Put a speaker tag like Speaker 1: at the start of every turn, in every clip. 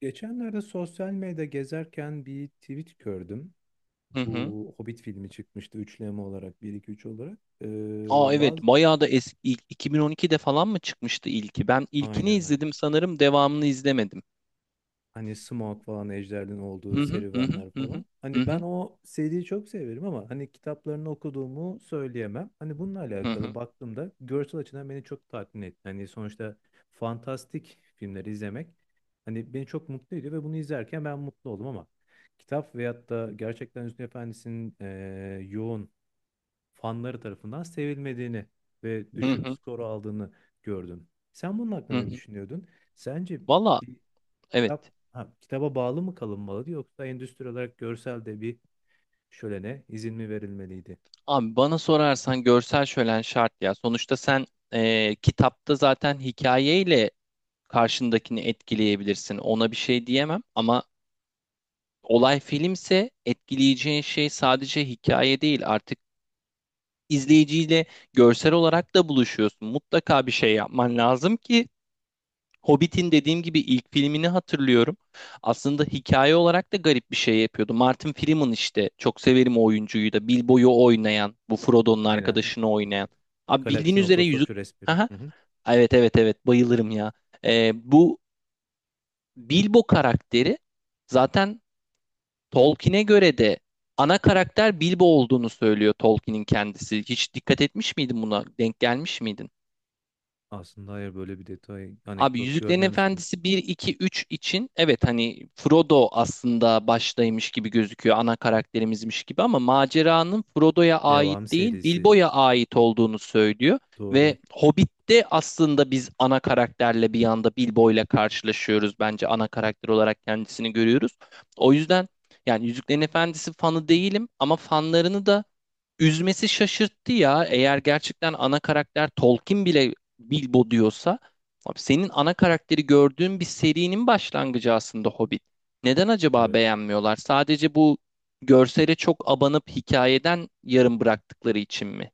Speaker 1: Geçenlerde sosyal medyada gezerken bir tweet gördüm.
Speaker 2: Hı hı.
Speaker 1: Bu Hobbit filmi çıkmıştı üçleme olarak bir iki üç olarak.
Speaker 2: Aa evet
Speaker 1: Bazı
Speaker 2: bayağı da eski 2012'de falan mı çıkmıştı ilki? Ben ilkini
Speaker 1: Aynen, aynen.
Speaker 2: izledim sanırım devamını izlemedim.
Speaker 1: Hani Smaug falan Ejder'in olduğu
Speaker 2: Hı hı hı hı
Speaker 1: serüvenler
Speaker 2: hı
Speaker 1: falan.
Speaker 2: hı
Speaker 1: Hani ben
Speaker 2: hı
Speaker 1: o seriyi çok severim ama hani kitaplarını okuduğumu söyleyemem. Hani bununla
Speaker 2: hı hı
Speaker 1: alakalı
Speaker 2: hı
Speaker 1: baktığımda görsel açıdan beni çok tatmin etti. Hani sonuçta fantastik filmleri izlemek hani beni çok mutlu ediyor ve bunu izlerken ben mutlu oldum, ama kitap veyahut da gerçekten Hüsnü Efendi'nin yoğun fanları tarafından sevilmediğini ve
Speaker 2: hı
Speaker 1: düşük
Speaker 2: hı
Speaker 1: skoru aldığını gördüm. Sen bunun
Speaker 2: hı
Speaker 1: hakkında ne
Speaker 2: hı.
Speaker 1: düşünüyordun? Sence
Speaker 2: Valla evet.
Speaker 1: Kitaba bağlı mı kalınmalıydı yoksa endüstri olarak görsel de bir şölene izin mi verilmeliydi?
Speaker 2: Abi bana sorarsan görsel şölen şart ya. Sonuçta sen kitapta zaten hikayeyle karşındakini etkileyebilirsin. Ona bir şey diyemem ama olay filmse etkileyeceğin şey sadece hikaye değil artık, izleyiciyle görsel olarak da buluşuyorsun. Mutlaka bir şey yapman lazım ki Hobbit'in, dediğim gibi, ilk filmini hatırlıyorum. Aslında hikaye olarak da garip bir şey yapıyordu. Martin Freeman, işte çok severim o oyuncuyu da, Bilbo'yu oynayan, bu Frodo'nun
Speaker 1: Aynen.
Speaker 2: arkadaşını oynayan. Abi bildiğin
Speaker 1: Galaksinin
Speaker 2: üzere
Speaker 1: otostopçu resmini.
Speaker 2: Aha.
Speaker 1: Hı hı.
Speaker 2: Evet evet evet, bayılırım ya. Bu Bilbo karakteri zaten Tolkien'e göre de, ana karakter Bilbo olduğunu söylüyor Tolkien'in kendisi. Hiç dikkat etmiş miydin buna? Denk gelmiş miydin?
Speaker 1: Aslında hayır, böyle bir detay,
Speaker 2: Abi
Speaker 1: anekdot
Speaker 2: Yüzüklerin
Speaker 1: görmemiştim.
Speaker 2: Efendisi bir 2 3 için evet, hani Frodo aslında baştaymış gibi gözüküyor, ana karakterimizmiş gibi, ama maceranın Frodo'ya
Speaker 1: Devam
Speaker 2: ait değil,
Speaker 1: serisi.
Speaker 2: Bilbo'ya ait olduğunu söylüyor.
Speaker 1: Doğru.
Speaker 2: Ve Hobbit'te aslında biz ana karakterle bir anda Bilbo'yla karşılaşıyoruz, bence ana karakter olarak kendisini görüyoruz. O yüzden, yani Yüzüklerin Efendisi fanı değilim ama fanlarını da üzmesi şaşırttı ya. Eğer gerçekten ana karakter Tolkien bile Bilbo diyorsa, abi senin ana karakteri gördüğün bir serinin başlangıcı aslında Hobbit. Neden acaba
Speaker 1: Evet.
Speaker 2: beğenmiyorlar? Sadece bu görsele çok abanıp hikayeden yarım bıraktıkları için mi?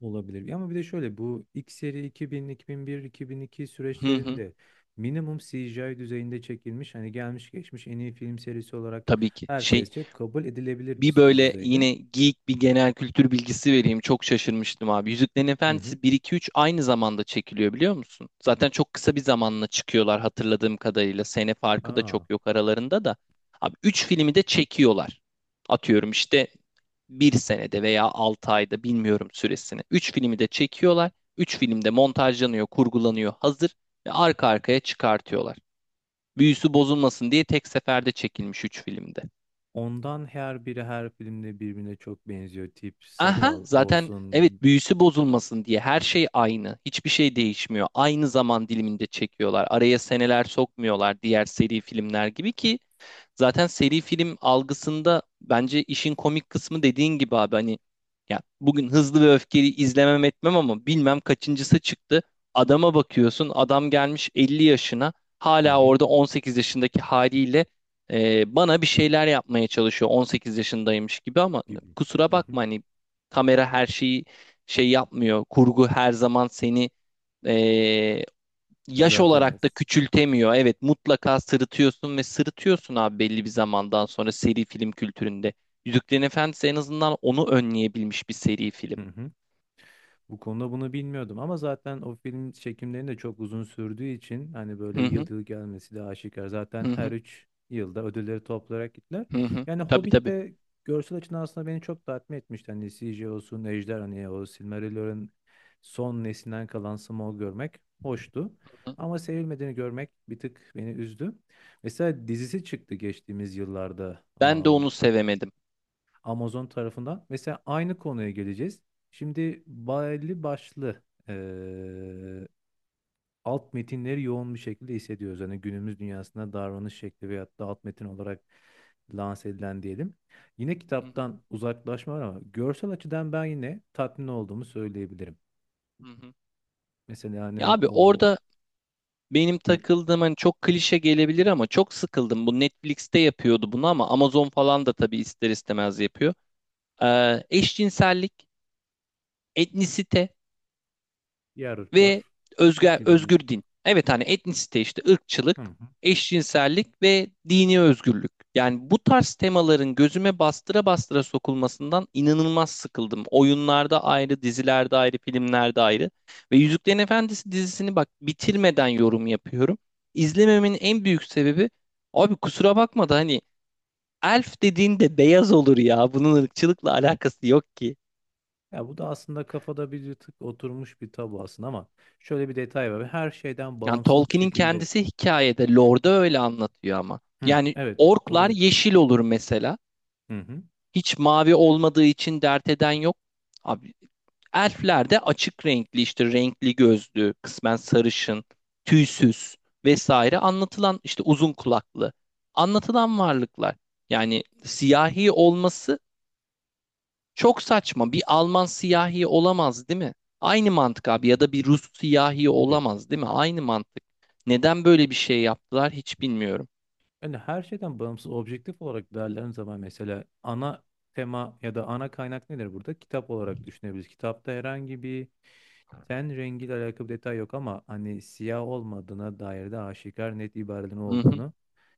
Speaker 1: Olabilir. Ama bir de şöyle, bu ilk seri 2000, 2001, 2002
Speaker 2: Hı hı.
Speaker 1: süreçlerinde minimum CGI düzeyinde çekilmiş. Hani gelmiş geçmiş en iyi film serisi olarak
Speaker 2: Tabii ki. Şey,
Speaker 1: herkesçe kabul edilebilir
Speaker 2: bir
Speaker 1: bir
Speaker 2: böyle
Speaker 1: düzeyde.
Speaker 2: yine geek bir genel kültür bilgisi vereyim. Çok şaşırmıştım abi. Yüzüklerin
Speaker 1: Hı hı.
Speaker 2: Efendisi bir iki üç aynı zamanda çekiliyor, biliyor musun? Zaten çok kısa bir zamanla çıkıyorlar hatırladığım kadarıyla. Sene farkı da çok
Speaker 1: Aa.
Speaker 2: yok aralarında da. Abi 3 filmi de çekiyorlar. Atıyorum işte bir senede veya 6 ayda, bilmiyorum süresini. 3 filmi de çekiyorlar. 3 film de montajlanıyor, kurgulanıyor, hazır, ve arka arkaya çıkartıyorlar. Büyüsü bozulmasın diye tek seferde çekilmiş 3 filmde.
Speaker 1: Ondan her biri her filmde birbirine çok benziyor. Tip,
Speaker 2: Aha,
Speaker 1: sakal
Speaker 2: zaten
Speaker 1: olsun.
Speaker 2: evet, büyüsü bozulmasın diye her şey aynı. Hiçbir şey değişmiyor. Aynı zaman diliminde çekiyorlar. Araya seneler sokmuyorlar diğer seri filmler gibi ki zaten seri film algısında bence işin komik kısmı, dediğin gibi abi, hani ya bugün Hızlı ve Öfkeli izlemem etmem ama bilmem kaçıncısı çıktı. Adama bakıyorsun, adam gelmiş 50 yaşına,
Speaker 1: Hı
Speaker 2: hala
Speaker 1: hı,
Speaker 2: orada 18 yaşındaki haliyle bana bir şeyler yapmaya çalışıyor 18 yaşındaymış gibi, ama
Speaker 1: gibi.
Speaker 2: kusura
Speaker 1: Hı hı.
Speaker 2: bakma hani, kamera her şeyi şey yapmıyor. Kurgu her zaman seni, e, yaş olarak da
Speaker 1: Düzeltemez.
Speaker 2: küçültemiyor. Evet, mutlaka sırıtıyorsun ve sırıtıyorsun abi belli bir zamandan sonra seri film kültüründe. Yüzüklerin Efendisi en azından onu önleyebilmiş bir seri film.
Speaker 1: Hı hı. Bu konuda bunu bilmiyordum ama zaten o film çekimlerinin de çok uzun sürdüğü için hani böyle
Speaker 2: Hı
Speaker 1: yıl
Speaker 2: hı
Speaker 1: yıl gelmesi de aşikar. Zaten
Speaker 2: hı
Speaker 1: her
Speaker 2: hı
Speaker 1: 3 yılda ödülleri toplayarak gittiler.
Speaker 2: hı hı.
Speaker 1: Yani
Speaker 2: Tabii
Speaker 1: Hobbit
Speaker 2: tabii.
Speaker 1: de görsel açıdan aslında beni çok tatmin etmişti. Hani CGI olsun, Ejder, hani o Silmarillion'un son neslinden kalan Smaug'u görmek hoştu.
Speaker 2: Hı hı.
Speaker 1: Ama sevilmediğini görmek bir tık beni üzdü. Mesela dizisi çıktı geçtiğimiz yıllarda.
Speaker 2: Ben de onu sevemedim.
Speaker 1: Amazon tarafından. Mesela aynı konuya geleceğiz. Şimdi belli başlı eee, alt metinleri yoğun bir şekilde hissediyoruz. Hani günümüz dünyasında davranış şekli veyahut da alt metin olarak lanse edilen diyelim. Yine
Speaker 2: Hı hı
Speaker 1: kitaptan uzaklaşma var ama görsel açıdan ben yine tatmin olduğumu söyleyebilirim.
Speaker 2: hı, hı.
Speaker 1: Mesela hani
Speaker 2: Ya abi
Speaker 1: o
Speaker 2: orada benim
Speaker 1: bu
Speaker 2: takıldığım, hani çok klişe gelebilir ama çok sıkıldım. Bu Netflix'te yapıyordu bunu ama Amazon falan da tabii ister istemez yapıyor. Eşcinsellik, etnisite
Speaker 1: diğer ırklar
Speaker 2: ve özgür,
Speaker 1: gibi mi?
Speaker 2: özgür din. Evet, hani etnisite, işte
Speaker 1: Hı
Speaker 2: ırkçılık,
Speaker 1: hı.
Speaker 2: eşcinsellik ve dini özgürlük. Yani bu tarz temaların gözüme bastıra bastıra sokulmasından inanılmaz sıkıldım. Oyunlarda ayrı, dizilerde ayrı, filmlerde ayrı. Ve Yüzüklerin Efendisi dizisini, bak, bitirmeden yorum yapıyorum. İzlememenin en büyük sebebi, abi kusura bakma da hani, elf dediğin de beyaz olur ya. Bunun ırkçılıkla alakası yok ki.
Speaker 1: Ya bu da aslında kafada bir tık oturmuş bir tabu aslında, ama şöyle bir detay var. Her şeyden
Speaker 2: Yani
Speaker 1: bağımsız bir
Speaker 2: Tolkien'in
Speaker 1: şekilde.
Speaker 2: kendisi hikayede Lord'a öyle anlatıyor ama.
Speaker 1: Hı.
Speaker 2: Yani
Speaker 1: Evet.
Speaker 2: orklar
Speaker 1: Oraya.
Speaker 2: yeşil olur mesela.
Speaker 1: Hı hı.
Speaker 2: Hiç mavi olmadığı için dert eden yok. Abi elfler de açık renkli işte, renkli gözlü, kısmen sarışın, tüysüz vesaire anlatılan, işte uzun kulaklı anlatılan varlıklar. Yani siyahi olması çok saçma. Bir Alman siyahi olamaz, değil mi? Aynı mantık abi, ya da bir Rus siyahi
Speaker 1: Gibi.
Speaker 2: olamaz, değil mi? Aynı mantık. Neden böyle bir şey yaptılar hiç bilmiyorum.
Speaker 1: Yani her şeyden bağımsız objektif olarak değerlendiğim zaman mesela ana tema ya da ana kaynak nedir burada? Kitap olarak düşünebiliriz. Kitapta herhangi bir ten rengiyle alakalı bir detay yok ama hani siyah olmadığına dair de aşikar net ibarelerin
Speaker 2: Hı hı.
Speaker 1: olduğunu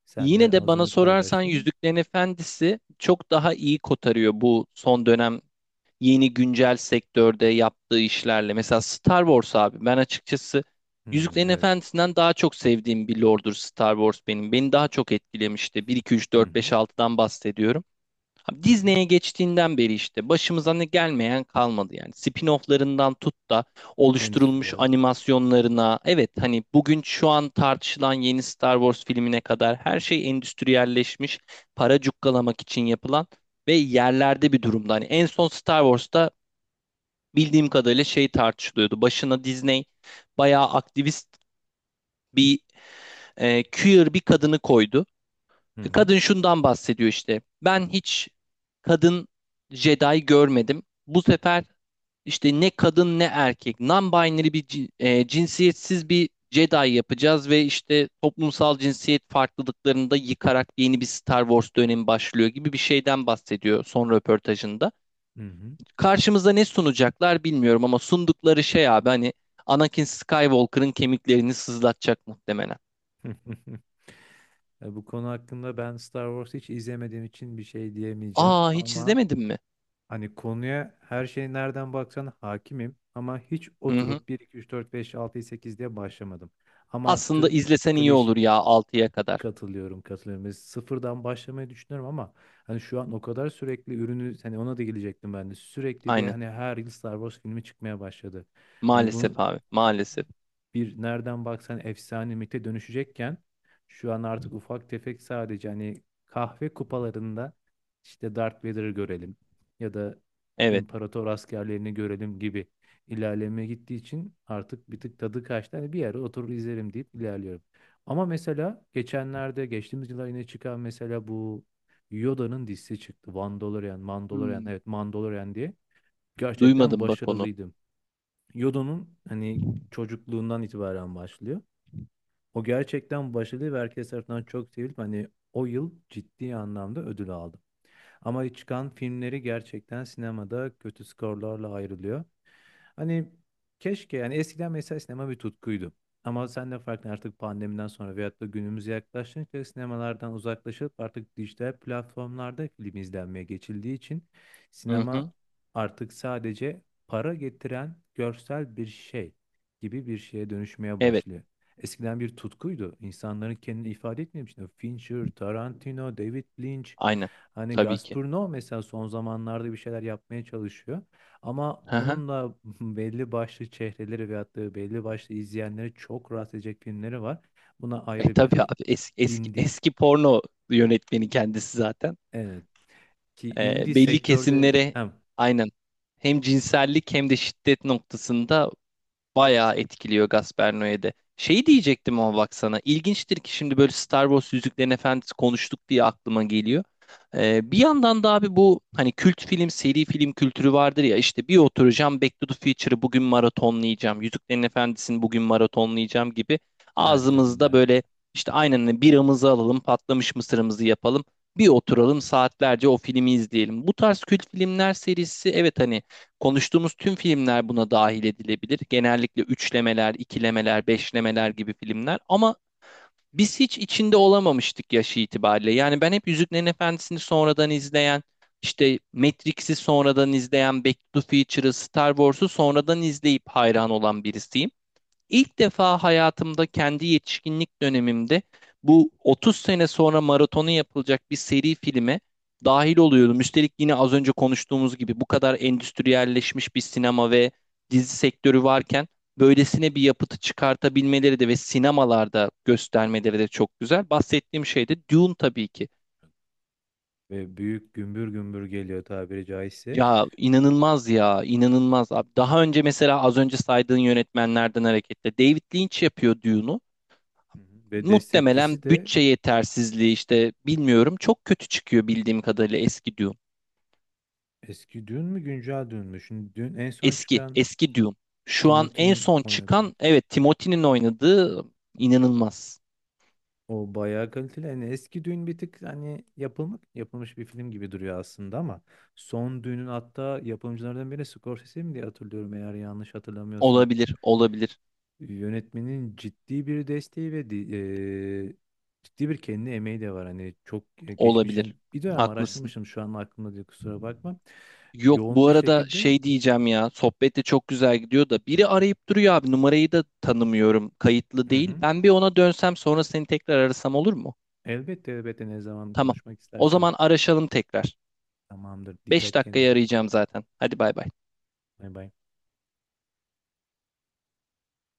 Speaker 1: sen de
Speaker 2: Yine de
Speaker 1: az
Speaker 2: bana
Speaker 1: önce
Speaker 2: sorarsan
Speaker 1: paylaştın.
Speaker 2: Yüzüklerin Efendisi çok daha iyi kotarıyor bu son dönem yeni güncel sektörde yaptığı işlerle. Mesela Star Wars, abi ben açıkçası
Speaker 1: Hmm,
Speaker 2: Yüzüklerin
Speaker 1: evet.
Speaker 2: Efendisi'nden daha çok sevdiğim bir lordur Star Wars benim. Beni daha çok etkilemişti. Bir 2 3
Speaker 1: Hı
Speaker 2: 4
Speaker 1: hı.
Speaker 2: 5 altıdan bahsediyorum. Abi
Speaker 1: Hı hı.
Speaker 2: Disney'e geçtiğinden beri işte başımıza ne gelmeyen kalmadı yani. Spin-off'larından tut da oluşturulmuş
Speaker 1: Endüstriyel.
Speaker 2: animasyonlarına. Evet, hani bugün şu an tartışılan yeni Star Wars filmine kadar her şey endüstriyelleşmiş, para cukkalamak için yapılan ve yerlerde bir durumda. Hani en son Star Wars'ta bildiğim kadarıyla şey tartışılıyordu. Başına Disney bayağı aktivist bir, queer bir kadını koydu.
Speaker 1: Hı hı.
Speaker 2: Kadın şundan bahsediyor işte. Ben hiç kadın Jedi görmedim. Bu sefer işte ne kadın ne erkek, non-binary bir cinsiyetsiz bir Jedi yapacağız ve işte toplumsal cinsiyet farklılıklarını da yıkarak yeni bir Star Wars dönemi başlıyor gibi bir şeyden bahsediyor son röportajında.
Speaker 1: Hı hı.
Speaker 2: Karşımıza ne sunacaklar bilmiyorum ama sundukları şey abi hani, Anakin Skywalker'ın kemiklerini sızlatacak muhtemelen.
Speaker 1: Bu konu hakkında ben Star Wars hiç izlemediğim için bir şey diyemeyeceğim,
Speaker 2: Aa hiç
Speaker 1: ama
Speaker 2: izlemedin mi?
Speaker 1: hani konuya her şey nereden baksan hakimim ama hiç
Speaker 2: Hı hı.
Speaker 1: oturup 1, 2, 3, 4, 5, 6, 8 diye başlamadım. Ama
Speaker 2: Aslında
Speaker 1: tüm
Speaker 2: izlesen iyi
Speaker 1: kliş
Speaker 2: olur ya altıya kadar.
Speaker 1: katılıyorum, katılıyorum. Ve sıfırdan başlamayı düşünüyorum, ama hani şu an o kadar sürekli ürünü, hani ona da gelecektim ben de. Sürekli bir
Speaker 2: Aynen.
Speaker 1: hani her yıl Star Wars filmi çıkmaya başladı. Hani
Speaker 2: Maalesef
Speaker 1: bunu,
Speaker 2: abi. Maalesef.
Speaker 1: bir nereden baksan efsane mite dönüşecekken şu an artık ufak tefek sadece hani kahve kupalarında işte Darth Vader'ı görelim ya da
Speaker 2: Evet.
Speaker 1: imparator askerlerini görelim gibi ilerlemeye gittiği için artık bir tık tadı kaçtı. Hani bir yere oturur izlerim deyip ilerliyorum. Ama mesela geçenlerde, geçtiğimiz yıllar yine çıkan mesela bu Yoda'nın dizisi çıktı. Mandalorian, Mandalorian,
Speaker 2: Hmm,
Speaker 1: evet Mandalorian diye. Gerçekten
Speaker 2: Duymadım bak onu.
Speaker 1: başarılıydım. Yodo'nun hani çocukluğundan itibaren başlıyor. O gerçekten başarılı ve herkes tarafından çok sevilip hani o yıl ciddi anlamda ödül aldı. Ama çıkan filmleri gerçekten sinemada kötü skorlarla ayrılıyor. Hani keşke, yani eskiden mesela sinema bir tutkuydu. Ama sen de farklı, artık pandemiden sonra veyahut da günümüze yaklaştıkça sinemalardan uzaklaşıp artık dijital platformlarda film izlenmeye geçildiği için
Speaker 2: Hı
Speaker 1: sinema
Speaker 2: hı.
Speaker 1: artık sadece para getiren görsel bir şey gibi bir şeye dönüşmeye
Speaker 2: Evet.
Speaker 1: başlıyor. Eskiden bir tutkuydu. İnsanların kendini ifade etmemişti. Fincher, Tarantino, David Lynch.
Speaker 2: Aynen.
Speaker 1: Hani
Speaker 2: Tabii ki.
Speaker 1: Gazprom mesela son zamanlarda bir şeyler yapmaya çalışıyor. Ama
Speaker 2: Hı hı.
Speaker 1: onun da belli başlı çehreleri veyahut da belli başlı izleyenleri çok rahatsız edecek filmleri var. Buna ayrı bir
Speaker 2: Tabii
Speaker 1: hani
Speaker 2: abi, eski, eski,
Speaker 1: indie.
Speaker 2: eski porno yönetmeni kendisi zaten.
Speaker 1: Evet. Ki indie
Speaker 2: Belli
Speaker 1: sektörde
Speaker 2: kesimlere,
Speaker 1: hem
Speaker 2: aynen, hem cinsellik hem de şiddet noktasında bayağı etkiliyor Gasperno'ya de. Şey diyecektim ama baksana. İlginçtir ki şimdi böyle Star Wars, Yüzüklerin Efendisi konuştuk diye aklıma geliyor. Bir yandan da abi bu, hani kült film, seri film kültürü vardır ya, işte bir oturacağım Back to the Future'ı bugün maratonlayacağım, Yüzüklerin Efendisi'ni bugün maratonlayacağım gibi
Speaker 1: harika
Speaker 2: ağzımızda,
Speaker 1: günlerde.
Speaker 2: böyle işte, aynen, hani biramızı alalım, patlamış mısırımızı yapalım, bir oturalım saatlerce o filmi izleyelim. Bu tarz kült filmler serisi, evet hani konuştuğumuz tüm filmler buna dahil edilebilir. Genellikle üçlemeler, ikilemeler, beşlemeler gibi filmler. Ama biz hiç içinde olamamıştık yaşı itibariyle. Yani ben hep Yüzüklerin Efendisi'ni sonradan izleyen, işte Matrix'i sonradan izleyen, Back to the Future'ı, Star Wars'u sonradan izleyip hayran olan birisiyim. İlk defa hayatımda kendi yetişkinlik dönemimde bu 30 sene sonra maratonu yapılacak bir seri filme dahil oluyordum. Üstelik yine az önce konuştuğumuz gibi bu kadar endüstriyelleşmiş bir sinema ve dizi sektörü varken böylesine bir yapıtı çıkartabilmeleri de ve sinemalarda göstermeleri de çok güzel. Bahsettiğim şey de Dune, tabii ki.
Speaker 1: Ve büyük gümbür gümbür geliyor tabiri caizse.
Speaker 2: Ya inanılmaz, ya inanılmaz abi. Daha önce mesela, az önce saydığın yönetmenlerden hareketle, David Lynch yapıyor Dune'u.
Speaker 1: Hı hı. Ve
Speaker 2: Muhtemelen
Speaker 1: destekçisi de
Speaker 2: bütçe yetersizliği işte, bilmiyorum. Çok kötü çıkıyor bildiğim kadarıyla eski Dune.
Speaker 1: eski dün mü güncel dün mü? Şimdi dün en son
Speaker 2: Eski,
Speaker 1: çıkan
Speaker 2: eski Dune. Şu an en
Speaker 1: Timothy'nin
Speaker 2: son
Speaker 1: oynadığı.
Speaker 2: çıkan, evet Timothy'nin oynadığı, inanılmaz.
Speaker 1: O bayağı kaliteli. Hani eski düğün bir tık hani yapılmak yapılmış bir film gibi duruyor aslında, ama son düğünün hatta yapımcılardan biri Scorsese mi, diye hatırlıyorum eğer yanlış hatırlamıyorsam.
Speaker 2: Olabilir, olabilir,
Speaker 1: Yönetmenin ciddi bir desteği ve ciddi bir kendi emeği de var. Hani çok geçmiş, yani
Speaker 2: olabilir.
Speaker 1: bir dönem
Speaker 2: Haklısın.
Speaker 1: araştırmışım şu an aklımda diye kusura bakma.
Speaker 2: Yok
Speaker 1: Yoğun
Speaker 2: bu
Speaker 1: bir
Speaker 2: arada
Speaker 1: şekilde,
Speaker 2: şey diyeceğim ya, sohbet de çok güzel gidiyor da biri arayıp duruyor abi, numarayı da tanımıyorum, kayıtlı
Speaker 1: hı
Speaker 2: değil.
Speaker 1: hı.
Speaker 2: Ben bir ona dönsem sonra seni tekrar arasam olur mu?
Speaker 1: Elbette, elbette, ne zaman
Speaker 2: Tamam.
Speaker 1: konuşmak
Speaker 2: O
Speaker 1: istersen.
Speaker 2: zaman araşalım tekrar.
Speaker 1: Tamamdır.
Speaker 2: beş
Speaker 1: Dikkat
Speaker 2: dakikaya
Speaker 1: kendine.
Speaker 2: arayacağım zaten. Hadi bay bay.
Speaker 1: Bay bay.